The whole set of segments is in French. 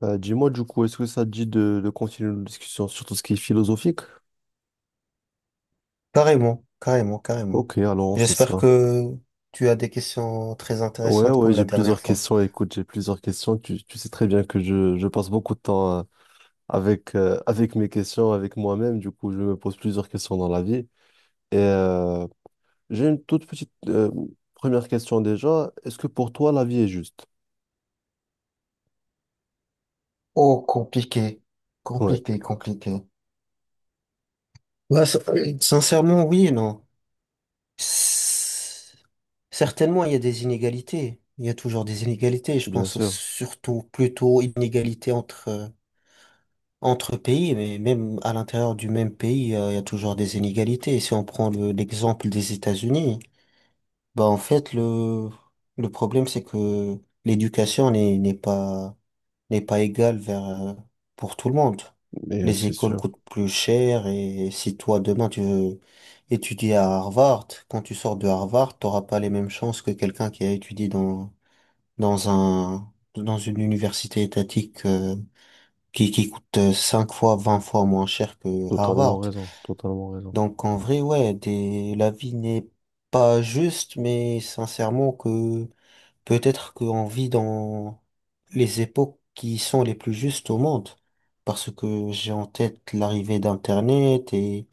Bah, dis-moi du coup, est-ce que ça te dit de continuer nos discussions sur tout ce qui est philosophique? Carrément, carrément, carrément. Ok, alors on fait J'espère ça. que tu as des questions très Ouais, intéressantes ouais, comme la j'ai dernière plusieurs fois. questions. Écoute, j'ai plusieurs questions. Tu sais très bien que je passe beaucoup de temps avec, avec mes questions, avec moi-même. Du coup, je me pose plusieurs questions dans la vie. Et j'ai une toute petite première question déjà. Est-ce que pour toi, la vie est juste? Oh, compliqué, Ouais, compliqué, compliqué. Ouais, sincèrement, oui et non. S- Certainement, il y a des inégalités. Il y a toujours des inégalités. Je bien pense sûr. surtout plutôt inégalités entre, entre pays, mais même à l'intérieur du même pays, il y a toujours des inégalités. Si on prend l'exemple des États-Unis. Bah, en fait, le problème, c'est que l'éducation n'est pas égale vers, pour tout le monde. Mais Les c'est écoles sûr. coûtent plus cher et si toi, demain, tu veux étudier à Harvard, quand tu sors de Harvard, t'auras pas les mêmes chances que quelqu'un qui a étudié dans, dans un, dans une université étatique, qui coûte 5 fois, 20 fois moins cher que Totalement Harvard. raison. Totalement raison. Donc, en vrai, ouais, des, la vie n'est pas juste, mais sincèrement que peut-être qu'on vit dans les époques qui sont les plus justes au monde, parce que j'ai en tête l'arrivée d'Internet et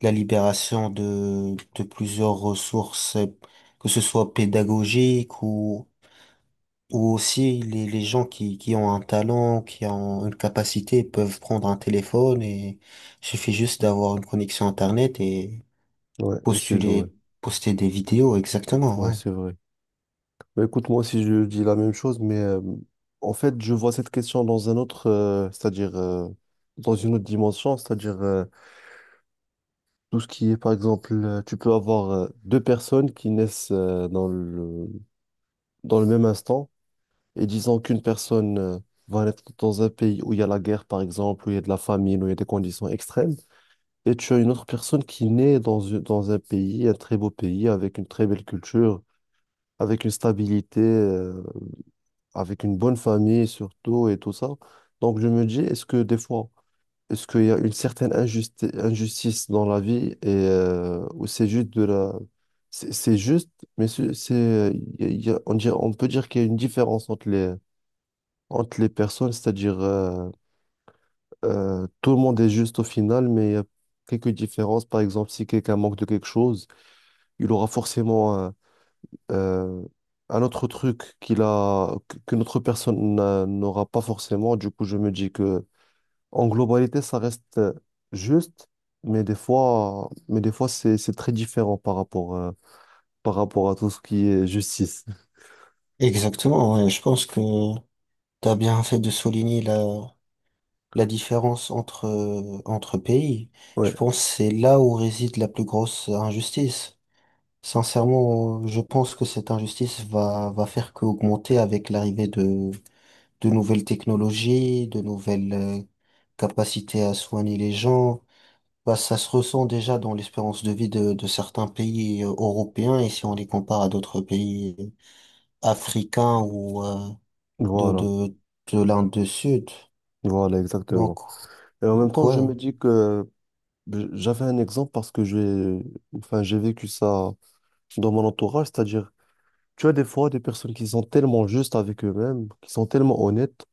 la libération de plusieurs ressources, que ce soit pédagogiques ou aussi les gens qui ont un talent, qui ont une capacité, peuvent prendre un téléphone et suffit juste d'avoir une connexion Internet et Ouais, et c'est joué. postuler, poster des vidéos, exactement, Ouais, ouais. c'est vrai. Bah, écoute, moi aussi, je dis la même chose, mais en fait, je vois cette question dans un autre, c'est-à-dire dans une autre dimension, c'est-à-dire tout ce qui est, par exemple, tu peux avoir deux personnes qui naissent dans dans le même instant, et disons qu'une personne va naître dans un pays où il y a la guerre, par exemple, où il y a de la famine, où il y a des conditions extrêmes, et tu as une autre personne qui naît dans, dans un pays, un très beau pays, avec une très belle culture, avec une stabilité. Avec une bonne famille surtout et tout ça. Donc je me dis, est-ce que des fois, est-ce qu'il y a une certaine injustice dans la vie et ou c'est juste de la... C'est juste, mais on peut dire qu'il y a une différence entre entre les personnes, c'est-à-dire tout le monde est juste au final, mais il y a quelques différences. Par exemple, si quelqu'un manque de quelque chose, il aura forcément euh, un autre truc qu'il a, que notre personne n'aura pas forcément, du coup, je me dis que en globalité, ça reste juste, mais des fois, c'est très différent par rapport à tout ce qui est justice. Exactement, ouais. Je pense que t'as bien fait de souligner la différence entre, entre pays. Ouais, Je pense que c'est là où réside la plus grosse injustice. Sincèrement, je pense que cette injustice va faire qu'augmenter avec l'arrivée de nouvelles technologies, de nouvelles capacités à soigner les gens. Bah, ça se ressent déjà dans l'espérance de vie de certains pays européens et si on les compare à d'autres pays africains ou de, voilà, de, de l'Inde du Sud. voilà, Donc, exactement. Et en même Donc temps, ouais, je me dis que j'avais un exemple parce que j'ai, enfin, j'ai vécu ça dans mon entourage, c'est-à-dire, tu as des fois des personnes qui sont tellement justes avec eux-mêmes, qui sont tellement honnêtes.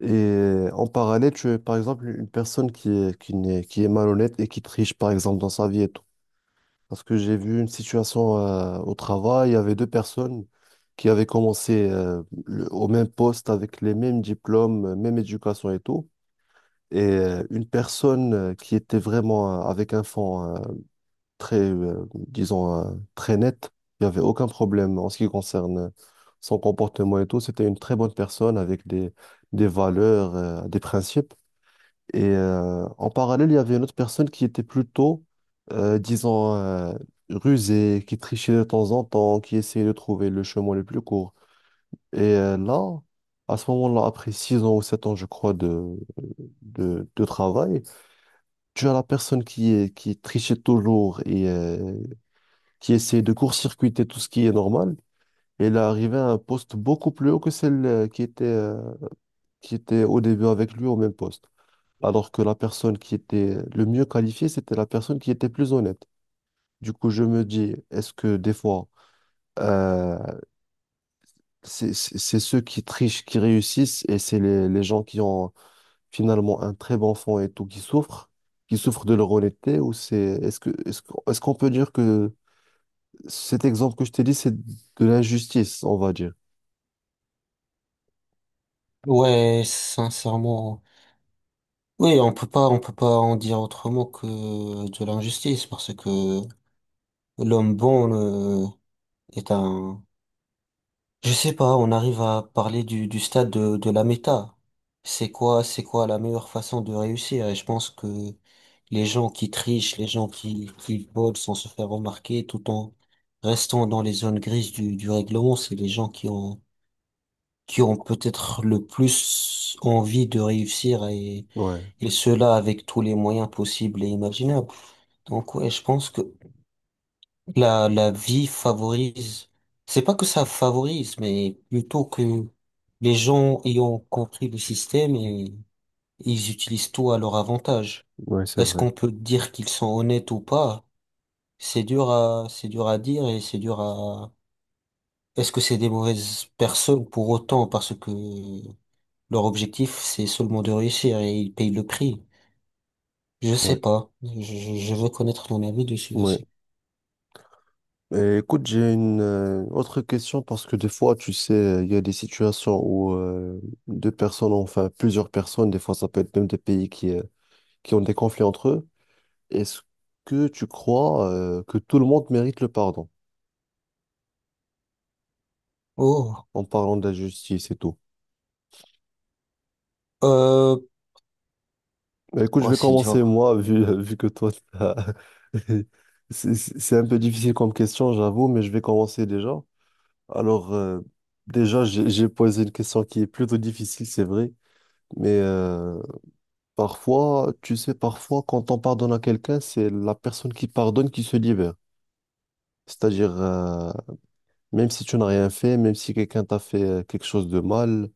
Et en parallèle, tu es par exemple une personne qui est, qui n'est, qui est malhonnête et qui triche par exemple dans sa vie et tout. Parce que j'ai vu une situation au travail, il y avait deux personnes qui avaient commencé au même poste avec les mêmes diplômes, même éducation et tout. Et une personne qui était vraiment avec un fond très, disons, très net, il n'y avait aucun problème en ce qui concerne son comportement et tout. C'était une très bonne personne avec des valeurs, des principes. Et en parallèle, il y avait une autre personne qui était plutôt, disons, rusée, qui trichait de temps en temps, qui essayait de trouver le chemin le plus court. Et là, à ce moment-là, après 6 ans ou 7 ans, je crois, de, de travail, tu as la personne qui est, qui trichait toujours et qui essayait de court-circuiter tout ce qui est normal. Et elle est arrivée à un poste beaucoup plus haut que celle qui était au début avec lui au même poste, alors que la personne qui était le mieux qualifiée, c'était la personne qui était plus honnête. Du coup, je me dis, est-ce que des fois, euh, c'est ceux qui trichent qui réussissent et c'est les gens qui ont finalement un très bon fond et tout qui souffrent de leur honnêteté ou c'est, est-ce qu'on peut dire que cet exemple que je t'ai dit, c'est de l'injustice, on va dire. ouais, sincèrement, oui, on peut pas en dire autrement que de l'injustice, parce que l'homme bon est un, je sais pas, on arrive à parler du stade de la méta. C'est quoi la meilleure façon de réussir? Et je pense que les gens qui trichent, les gens qui volent sans se faire remarquer, tout en restant dans les zones grises du règlement, c'est les gens qui ont peut-être le plus envie de réussir et Ouais, cela avec tous les moyens possibles et imaginables. Donc ouais, je pense que la vie favorise, c'est pas que ça favorise, mais plutôt que les gens ayant compris le système et ils utilisent tout à leur avantage. ouais, c'est Est-ce vrai. qu'on peut dire qu'ils sont honnêtes ou pas? C'est dur à dire et c'est dur à, est-ce que c'est des mauvaises personnes pour autant parce que leur objectif c'est seulement de réussir et ils payent le prix. Je sais Ouais, pas. Je, je veux connaître mon avis dessus ouais. aussi. Et écoute, j'ai une autre question parce que des fois, tu sais, il y a des situations où deux personnes, enfin plusieurs personnes, des fois ça peut être même des pays qui ont des conflits entre eux. Est-ce que tu crois que tout le monde mérite le pardon Oh, en parlant de la justice et tout? euh, Bah, écoute, je ouais, vais c'est commencer dur. moi, vu, vu que toi, c'est un peu difficile comme question, j'avoue, mais je vais commencer déjà. Alors, déjà, j'ai posé une question qui est plutôt difficile, c'est vrai. Mais parfois, tu sais, parfois, quand on pardonne à quelqu'un, c'est la personne qui pardonne qui se libère. C'est-à-dire, même si tu n'as rien fait, même si quelqu'un t'a fait quelque chose de mal,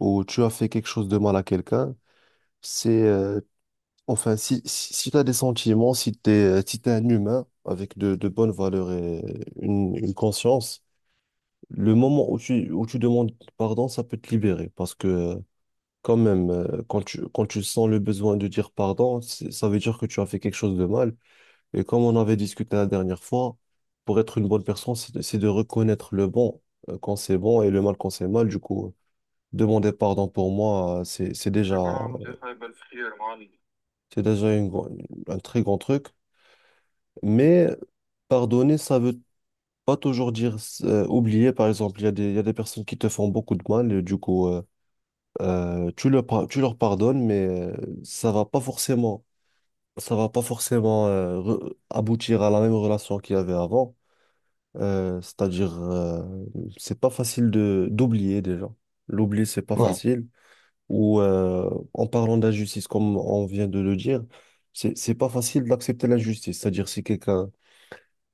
ou tu as fait quelque chose de mal à quelqu'un, c'est, enfin, si tu as des sentiments, si tu es, si t'es un humain avec de bonnes valeurs et une conscience, le moment où où tu demandes pardon, ça peut te libérer parce que quand même, quand quand tu sens le besoin de dire pardon, ça veut dire que tu as fait quelque chose de mal. Et comme on avait discuté la dernière fois, pour être une bonne personne, c'est c'est de reconnaître le bon quand c'est bon et le mal quand c'est mal. Du coup, demander pardon pour moi, c'est déjà un très grand truc. Mais pardonner, ça veut pas toujours dire oublier. Par exemple, il y a des, il y a des personnes qui te font beaucoup de mal et du coup, tu leur, tu leur pardonnes, mais ça va pas forcément ça va pas forcément aboutir à la même relation qu'il y avait avant. C'est-à-dire, c'est pas facile de d'oublier déjà. L'oublier, c'est pas Ouais, facile. Ou en parlant d'injustice, comme on vient de le dire, c'est pas facile d'accepter l'injustice. C'est-à-dire, si quelqu'un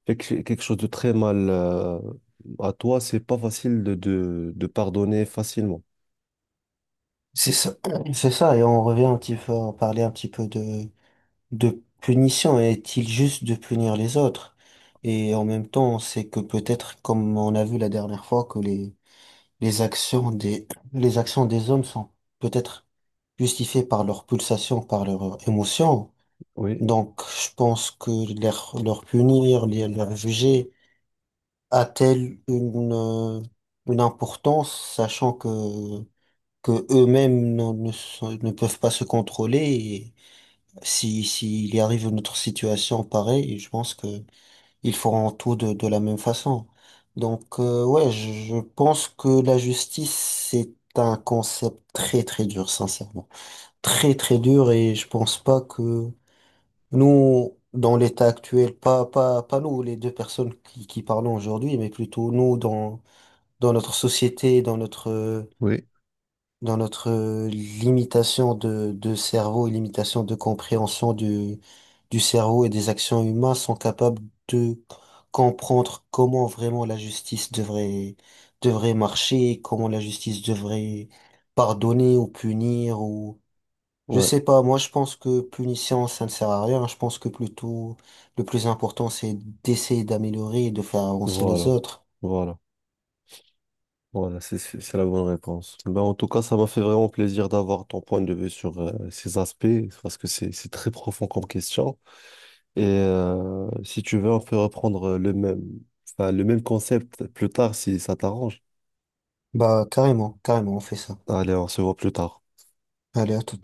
fait quelque chose de très mal à toi, c'est pas facile de, de pardonner facilement. c'est ça. C'est ça. Et on revient un petit peu, on parlait un petit peu de punition. Est-il juste de punir les autres? Et en même temps, c'est que peut-être, comme on a vu la dernière fois, que les actions des, les actions des hommes sont peut-être justifiées par leur pulsation, par leurs émotions. Oui, Donc, je pense que leur punir, leur juger, a-t-elle une importance, sachant que eux-mêmes ne, ne peuvent pas se contrôler et si, s'il y arrive une autre situation pareille, je pense que ils feront tout de la même façon. Donc, ouais, je pense que la justice, c'est un concept très, très dur, sincèrement. Très, très dur et je pense pas que nous, dans l'état actuel, pas, pas, pas nous, les deux personnes qui parlons aujourd'hui, mais plutôt nous dans dans notre société, oui. dans notre limitation de cerveau et limitation de compréhension du cerveau et des actions humaines sont capables de comprendre comment vraiment la justice devrait, devrait marcher, comment la justice devrait pardonner ou punir ou, je Ouais, sais pas, moi je pense que punition ça ne sert à rien, je pense que plutôt le plus important c'est d'essayer d'améliorer et de faire avancer les voilà, autres. voilà. Voilà, c'est la bonne réponse. Ben, en tout cas, ça m'a fait vraiment plaisir d'avoir ton point de vue sur ces aspects, parce que c'est très profond comme question. Et si tu veux, on peut reprendre le même, enfin, le même concept plus tard si ça t'arrange. Bah carrément, carrément, on fait ça. Allez, on se voit plus tard. Allez, à tout.